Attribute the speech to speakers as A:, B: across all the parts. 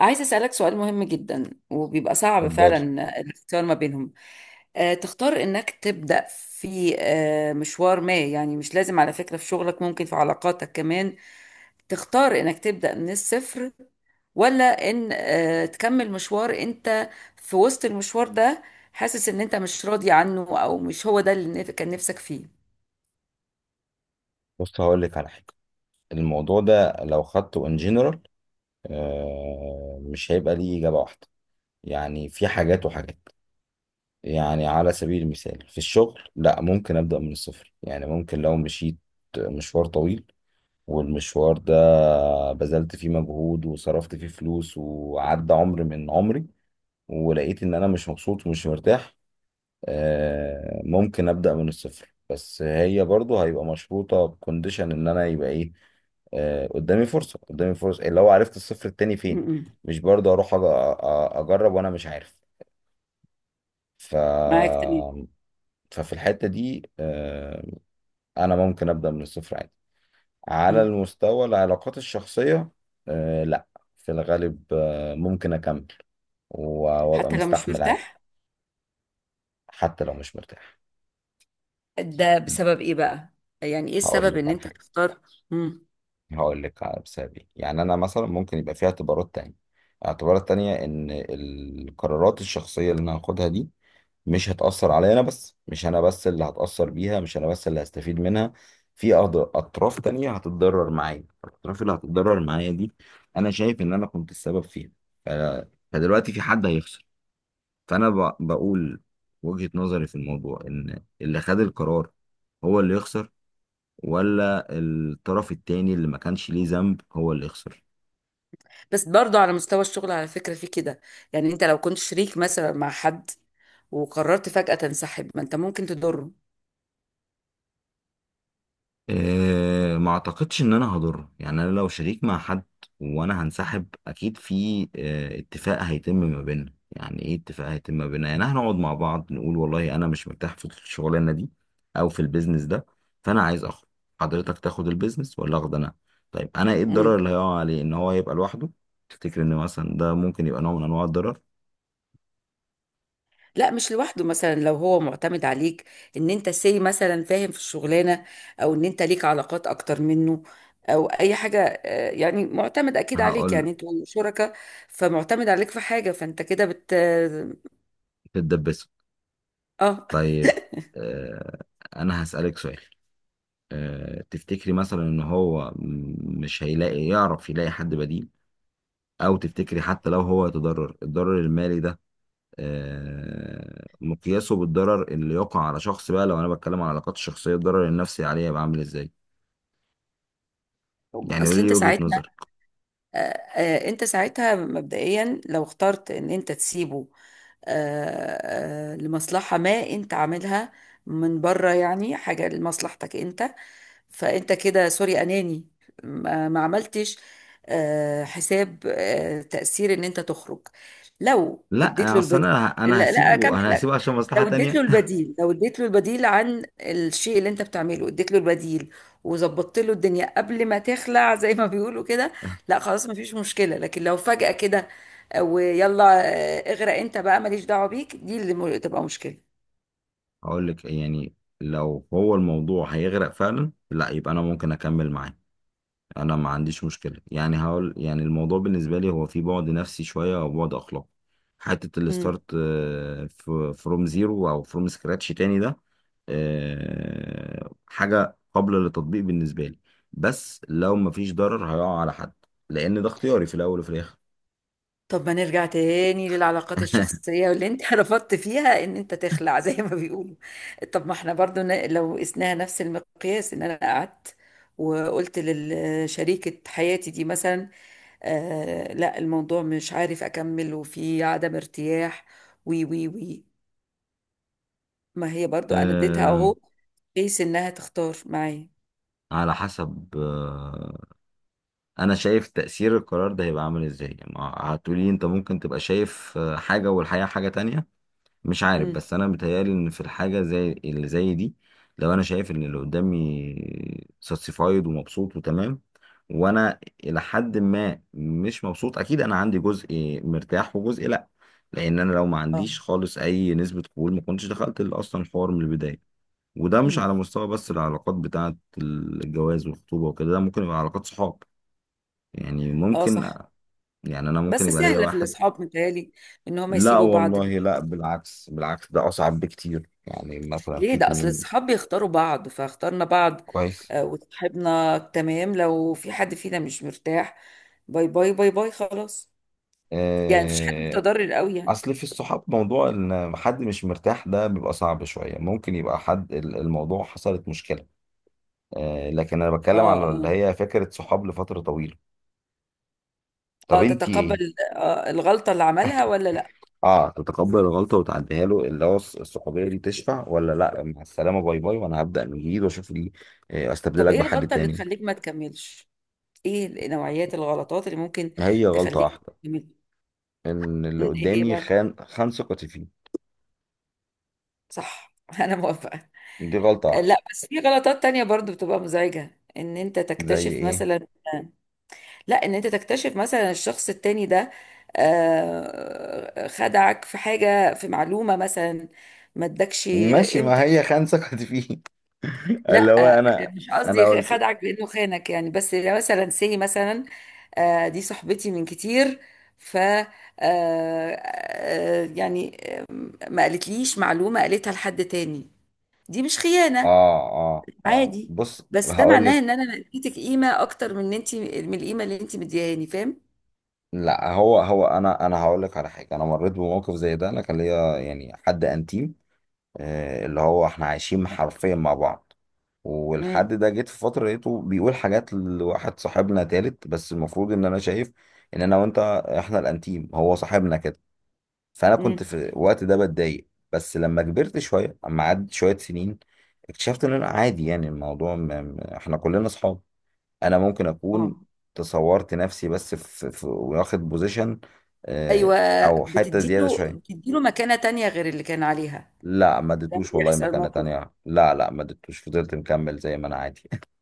A: عايزة أسألك سؤال مهم جدا، وبيبقى صعب
B: اتفضل.
A: فعلا الاختيار ما بينهم. تختار إنك تبدأ في مشوار، ما يعني مش لازم على فكرة، في شغلك ممكن في علاقاتك كمان. تختار إنك تبدأ من الصفر، ولا إن تكمل مشوار أنت في وسط المشوار ده، حاسس إن أنت مش راضي عنه، أو مش هو ده اللي كان نفسك فيه.
B: بص، هقول لك على حاجه. الموضوع ده لو خدته ان جنرال مش هيبقى ليه اجابه واحده. يعني في حاجات وحاجات. يعني على سبيل المثال في الشغل، لا، ممكن ابدا من الصفر. يعني ممكن لو مشيت مشوار طويل، والمشوار ده بذلت فيه مجهود وصرفت فيه فلوس وعدى عمر من عمري ولقيت ان انا مش مبسوط ومش مرتاح. ممكن ابدا من الصفر، بس هي برضو هيبقى مشروطه بكونديشن ان انا يبقى ايه؟ قدامي فرصه، قدامي فرصه، اللي هو عرفت الصفر التاني فين.
A: م.
B: مش برضو اروح اجرب وانا مش عارف. ف
A: معاك تمام.
B: ففي الحته دي انا ممكن ابدا من الصفر عادي. على
A: م.
B: المستوى العلاقات الشخصيه، لا، في الغالب ممكن اكمل و- وابقى
A: حتى لو مش
B: مستحمل عادي،
A: مرتاح.
B: حتى لو مش مرتاح.
A: ده بسبب ايه بقى؟ يعني ايه
B: هقول
A: السبب
B: لك
A: ان
B: على
A: انت
B: حاجه
A: تختار؟ مم.
B: هقول لك على بسبب ايه. يعني انا مثلا ممكن يبقى فيها اعتبارات تانية، اعتبارات تانية، ان القرارات الشخصية اللي انا هاخدها دي مش هتأثر عليا انا بس، مش انا بس اللي هتأثر
A: مم.
B: بيها، مش انا بس اللي هستفيد منها. في اطراف تانية هتتضرر معايا. الاطراف اللي هتتضرر معايا دي انا شايف ان انا كنت السبب فيها. ف- فدلوقتي في حد هيخسر. فانا بقول وجهة نظري في الموضوع، ان اللي خد القرار هو اللي يخسر، ولا الطرف التاني اللي ما كانش ليه ذنب هو اللي يخسر؟
A: بس برضو على مستوى الشغل على فكرة في كده، يعني انت لو كنت شريك مثلا مع حد وقررت فجأة تنسحب، ما انت ممكن تضره.
B: أه، ما اعتقدش ان انا هضره. يعني انا لو شريك مع حد وانا هنسحب، اكيد في اتفاق هيتم ما بيننا. يعني ايه اتفاق هيتم ما بيننا؟ يعني هنقعد مع بعض نقول والله انا مش مرتاح في الشغلانه دي او في البيزنس ده، فانا عايز اخرج. حضرتك تاخد البيزنس ولا اخد انا؟ طيب انا ايه الضرر
A: مم.
B: اللي هيقع عليه ان هو يبقى لوحده؟ تفتكر ان مثلا ده ممكن يبقى نوع من انواع الضرر؟
A: لا، مش لوحده، مثلا لو هو معتمد عليك، ان انت سي مثلا فاهم في الشغلانة، او ان انت ليك علاقات اكتر منه، او اي حاجة، يعني معتمد اكيد عليك،
B: هقول
A: يعني انتوا شركاء، فمعتمد عليك في حاجة، فانت كده بت.
B: تتدبسوا.
A: اه.
B: طيب. آه، انا هسألك سؤال. تفتكري مثلا ان هو مش هيلاقي، يعرف يلاقي حد بديل؟ او تفتكري حتى لو هو يتضرر، الضرر المالي ده مقياسه بالضرر اللي يقع على شخص؟ بقى لو انا بتكلم عن علاقات الشخصية، الضرر النفسي عليه يبقى عامل ازاي؟ يعني قولي
A: اصل
B: لي
A: انت
B: وجهة
A: ساعتها
B: نظرك.
A: آه، انت ساعتها مبدئيا، لو اخترت ان انت تسيبه، لمصلحة ما انت عاملها من بره، يعني حاجة لمصلحتك انت، فانت كده سوري اناني. ما عملتش حساب تأثير ان انت تخرج، لو اديت
B: لا،
A: له
B: اصل
A: البديل.
B: انا
A: لا، لا
B: هسيبه،
A: اكمل
B: انا
A: لك.
B: هسيبه عشان مصلحة
A: لو اديت له
B: تانية.
A: البديل لو اديت له البديل عن الشيء اللي انت بتعمله، اديت له البديل، وظبطت له الدنيا قبل ما تخلع زي ما بيقولوا كده. لا، خلاص مفيش مشكلة، لكن لو فجأة كده، ويلا اغرق انت بقى ماليش دعوة بيك، دي اللي تبقى مشكلة.
B: هقول لك، يعني لو هو الموضوع هيغرق فعلا، لا، يبقى انا ممكن اكمل معاه. انا ما عنديش مشكله. يعني هقول، يعني الموضوع بالنسبه لي هو في بعد نفسي شويه او بعد اخلاقي. حته
A: مم.
B: الستارت فروم زيرو او فروم سكراتش تاني ده حاجه قابله للتطبيق بالنسبه لي، بس لو ما فيش ضرر هيقع على حد، لان ده اختياري في الاول وفي الاخر.
A: طب ما نرجع تاني للعلاقات الشخصية، واللي انت رفضت فيها ان انت تخلع زي ما بيقولوا. طب ما احنا برضو لو قسناها نفس المقياس، ان انا قعدت وقلت لشريكة حياتي دي مثلا، لا، الموضوع مش عارف اكمل، وفي عدم ارتياح، وي وي وي، ما هي برضو انا اديتها
B: آه،
A: اهو، بحيث انها تختار معايا.
B: على حسب. انا شايف تاثير القرار ده هيبقى عامل ازاي. ما هتقولي، انت ممكن تبقى شايف حاجه والحقيقه حاجه تانية. مش عارف،
A: امم.
B: بس انا متهيالي ان في الحاجه زي اللي زي دي، لو انا شايف ان اللي قدامي ساتسفايد ومبسوط وتمام، وانا الى حد ما مش مبسوط، اكيد انا عندي جزء مرتاح وجزء لا. لان انا لو ما
A: اه.
B: عنديش خالص اي نسبه قبول ما كنتش دخلت اصلا الحوار من البدايه. وده مش
A: امم.
B: على مستوى بس العلاقات بتاعه الجواز والخطوبه وكده، ده ممكن يبقى علاقات صحاب. يعني
A: اه،
B: ممكن.
A: صح.
B: يعني انا ممكن
A: بس
B: يبقى ليا
A: سهلة في
B: واحد.
A: الاصحاب متهيألي، ان هم
B: لا
A: يسيبوا بعض.
B: والله، لا، بالعكس، بالعكس، ده أصعب بكتير. يعني مثلا
A: ليه؟
B: في
A: ده اصل
B: اتنين.
A: الصحاب بيختاروا بعض، فاخترنا بعض.
B: كويس.
A: وصاحبنا تمام، لو في حد فينا مش مرتاح، باي باي باي باي، خلاص. يعني مفيش حد
B: آه،
A: متضرر قوي، يعني.
B: أصل في الصحاب، موضوع إن حد مش مرتاح ده بيبقى صعب شوية. ممكن يبقى حد، الموضوع حصلت مشكلة. لكن أنا بتكلم
A: اه،
B: على اللي
A: اه.
B: هي فكرة صحاب لفترة طويلة. طب
A: اه،
B: أنتي إيه؟
A: تتقبل الغلطة اللي عملها، ولا لا؟
B: اه، تتقبل الغلطة وتعديها له، اللي هو الصحوبية دي تشفع؟ ولا لا، مع السلامة، باي باي، وأنا هبدأ من جديد وأشوف لي
A: طب
B: أستبدلك
A: ايه
B: بحد
A: الغلطة اللي
B: تاني.
A: تخليك ما تكملش؟ ايه نوعيات الغلطات اللي ممكن
B: هي غلطة
A: تخليك
B: واحدة،
A: تكمل؟
B: ان اللي
A: ايه هي
B: قدامي
A: بقى؟
B: خان، خان ثقتي فيه.
A: صح، انا موافقة.
B: دي غلطة واحدة.
A: لا، بس في غلطات تانية برضو بتبقى مزعجة، ان انت
B: زي
A: تكتشف
B: ايه؟
A: مثلا، لا، ان انت تكتشف مثلا الشخص التاني ده خدعك في حاجة، في معلومة مثلا، ما ادكش
B: ماشي، ما
A: قيمتك.
B: هي خان سكت فيه. اللي هو
A: لا،
B: انا.
A: مش
B: انا
A: قصدي
B: قلت.
A: خدعك بانه خانك، يعني، بس لو مثلا سي مثلا دي صاحبتي من كتير، ف آه، آه، يعني ما قالتليش معلومة، قالتها لحد تاني. دي مش خيانة
B: اه. اه، اه،
A: عادي،
B: بص،
A: بس ده
B: هقول
A: معناه ان
B: لك.
A: انا اديتك قيمة اكتر من انت، من القيمة اللي انت مديهاني، فاهم؟
B: لا، هو انا هقول لك على حاجة. انا مريت بموقف زي ده. انا كان ليا يعني حد انتيم، اللي هو احنا عايشين حرفيا مع بعض. والحد
A: مم.
B: ده جيت في فترة لقيته بيقول حاجات لواحد صاحبنا تالت، بس المفروض ان انا شايف ان انا وانت، احنا الانتيم هو صاحبنا كده. فانا
A: مم.
B: كنت في الوقت ده بتضايق، بس لما كبرت شويه، اما عدت شويه سنين، اكتشفت ان انا عادي. يعني الموضوع احنا كلنا اصحاب. انا ممكن اكون
A: اه.
B: تصورت نفسي بس واخد بوزيشن، آه،
A: ايوه.
B: او حته زياده
A: بتديله
B: شويه.
A: بتديله مكانة تانية غير اللي كان عليها،
B: لا، ما
A: لما
B: اديتوش والله
A: يحصل
B: مكانه
A: موقف.
B: تانية، لا لا، ما اديتوش، فضلت مكمل زي ما انا عادي.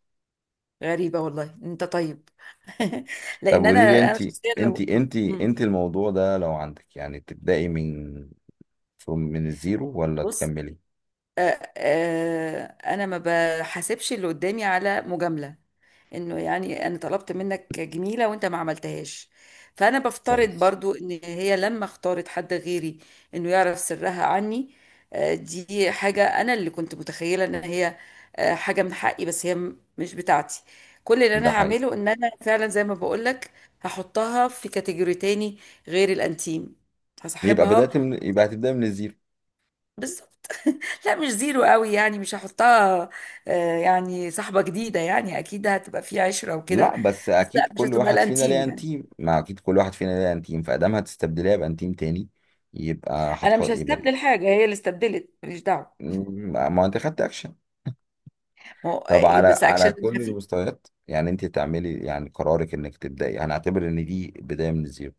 A: غريبة والله، انت طيب.
B: طب
A: لان انا
B: قولي لي
A: انا
B: انت
A: شخصيا
B: انت
A: لو،
B: انت انت الموضوع ده لو عندك، يعني تبدأي من من الزيرو ولا
A: بص،
B: تكملي؟
A: انا ما بحاسبش اللي قدامي على مجامله، انه يعني انا طلبت منك جميله وانت ما عملتهاش، فانا بفترض
B: كويس.
A: برضو ان هي لما اختارت حد غيري، انه يعرف سرها عني. دي حاجه انا اللي كنت متخيله ان هي حاجه من حقي، بس هي مش بتاعتي. كل اللي
B: ده
A: انا
B: حقيقي.
A: هعمله ان انا فعلا زي ما بقولك، هحطها في كاتيجوري تاني غير الانتيم، هصاحبها.
B: يبقى هتبدأ من الزيرو.
A: لا، مش زيرو قوي يعني، مش هحطها يعني صاحبة جديدة، يعني اكيد هتبقى في عشرة وكده.
B: لا، بس
A: بس
B: اكيد
A: لا، مش
B: كل
A: هتبقى
B: واحد فينا
A: الانتيم
B: ليه
A: يعني.
B: انتيم، ما اكيد كل واحد فينا ليه انتيم، فادام هتستبدليها بانتيم تاني. يبقى
A: انا مش
B: هتحط يبقى
A: هستبدل حاجة، هي اللي استبدلت، ماليش دعوة.
B: م- ما انت خدت اكشن.
A: ما
B: طب على
A: بس
B: على
A: اكشن
B: كل
A: خفيف.
B: المستويات، يعني انت تعملي يعني قرارك انك تبداي، هنعتبر ان دي بدايه من الزيرو.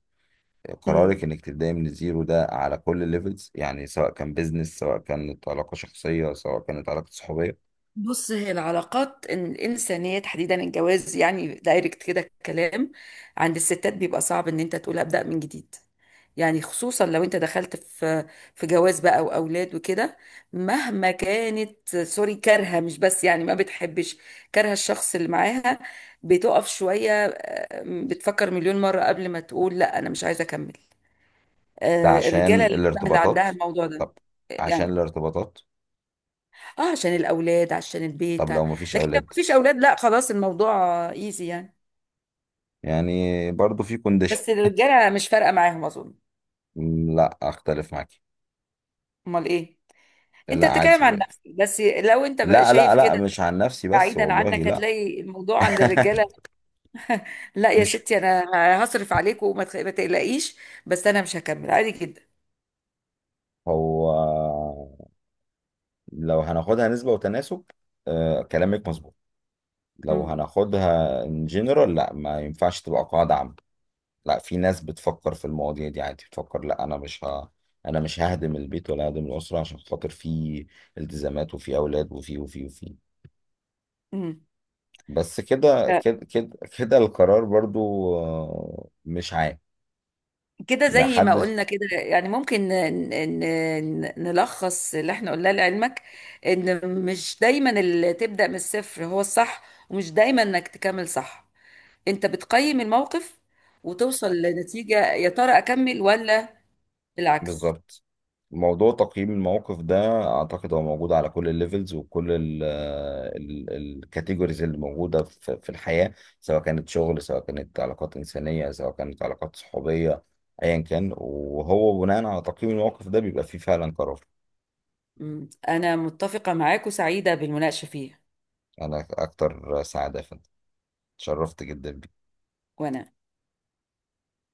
A: امم.
B: قرارك انك تبداي من الزيرو ده على كل الليفلز، يعني سواء كان بيزنس، سواء كانت علاقه شخصيه، سواء كانت علاقه صحوبيه.
A: بص، هي العلاقات الإنسانية، تحديدا الجواز، يعني دايركت كده الكلام، عند الستات بيبقى صعب إن أنت تقول أبدأ من جديد. يعني خصوصا لو أنت دخلت في جواز بقى وأولاد وكده، مهما كانت، سوري، كارهة، مش بس يعني ما بتحبش، كارهة الشخص اللي معاها، بتقف شوية، بتفكر مليون مرة قبل ما تقول لا، أنا مش عايزة أكمل.
B: ده عشان
A: الرجالة لا، سهل
B: الارتباطات.
A: عندها الموضوع ده.
B: طب عشان
A: يعني.
B: الارتباطات.
A: اه، عشان الاولاد، عشان
B: طب
A: البيت
B: لو مفيش
A: لكن لو
B: اولاد؟
A: مفيش اولاد، لا خلاص، الموضوع ايزي يعني.
B: يعني برضو في كونديشن.
A: بس الرجاله مش فارقه معاهم اظن.
B: لا، اختلف معاكي.
A: امال ايه؟ انت
B: لا،
A: بتتكلم عن
B: عادي.
A: نفسك، بس لو انت بقى
B: لا لا
A: شايف
B: لا،
A: كده،
B: مش عن نفسي بس
A: بعيدا
B: والله،
A: عنك،
B: لا.
A: هتلاقي الموضوع عند الرجاله. لا يا
B: مش.
A: ستي، انا هصرف عليك وما تخ- ما تقلقيش. بس انا مش هكمل عادي جدا.
B: هو لو هناخدها نسبة وتناسب، آه، كلامك مظبوط. لو
A: امم.
B: هناخدها ان جنرال، لا، ما ينفعش تبقى قاعدة عامة. لا، في ناس بتفكر في المواضيع دي عادي. بتفكر لا، انا مش ههدم البيت ولا ههدم الأسرة عشان خاطر في التزامات وفي اولاد وفي.
A: امم.
B: بس كده كده كده كده، القرار برضو مش عام.
A: كده
B: ما
A: زي ما
B: حدش.
A: قلنا كده، يعني ممكن نلخص اللي احنا قلناه لعلمك، ان مش دايما اللي تبدأ من الصفر هو الصح، ومش دايما انك تكمل صح، انت بتقيم الموقف وتوصل لنتيجة، يا ترى اكمل ولا بالعكس؟
B: بالظبط. موضوع تقييم المواقف ده، اعتقد هو موجود على كل الليفلز وكل الكاتيجوريز اللي موجوده في الحياه، سواء كانت شغل، سواء كانت علاقات انسانيه، سواء كانت علاقات صحوبيه، ايا كان. وهو بناء على تقييم المواقف ده بيبقى فيه فعلا قرار.
A: انا متفقة معاك وسعيدة بالمناقشة فيه.
B: انا اكتر سعاده. فانت اتشرفت جدا بيك.
A: وانا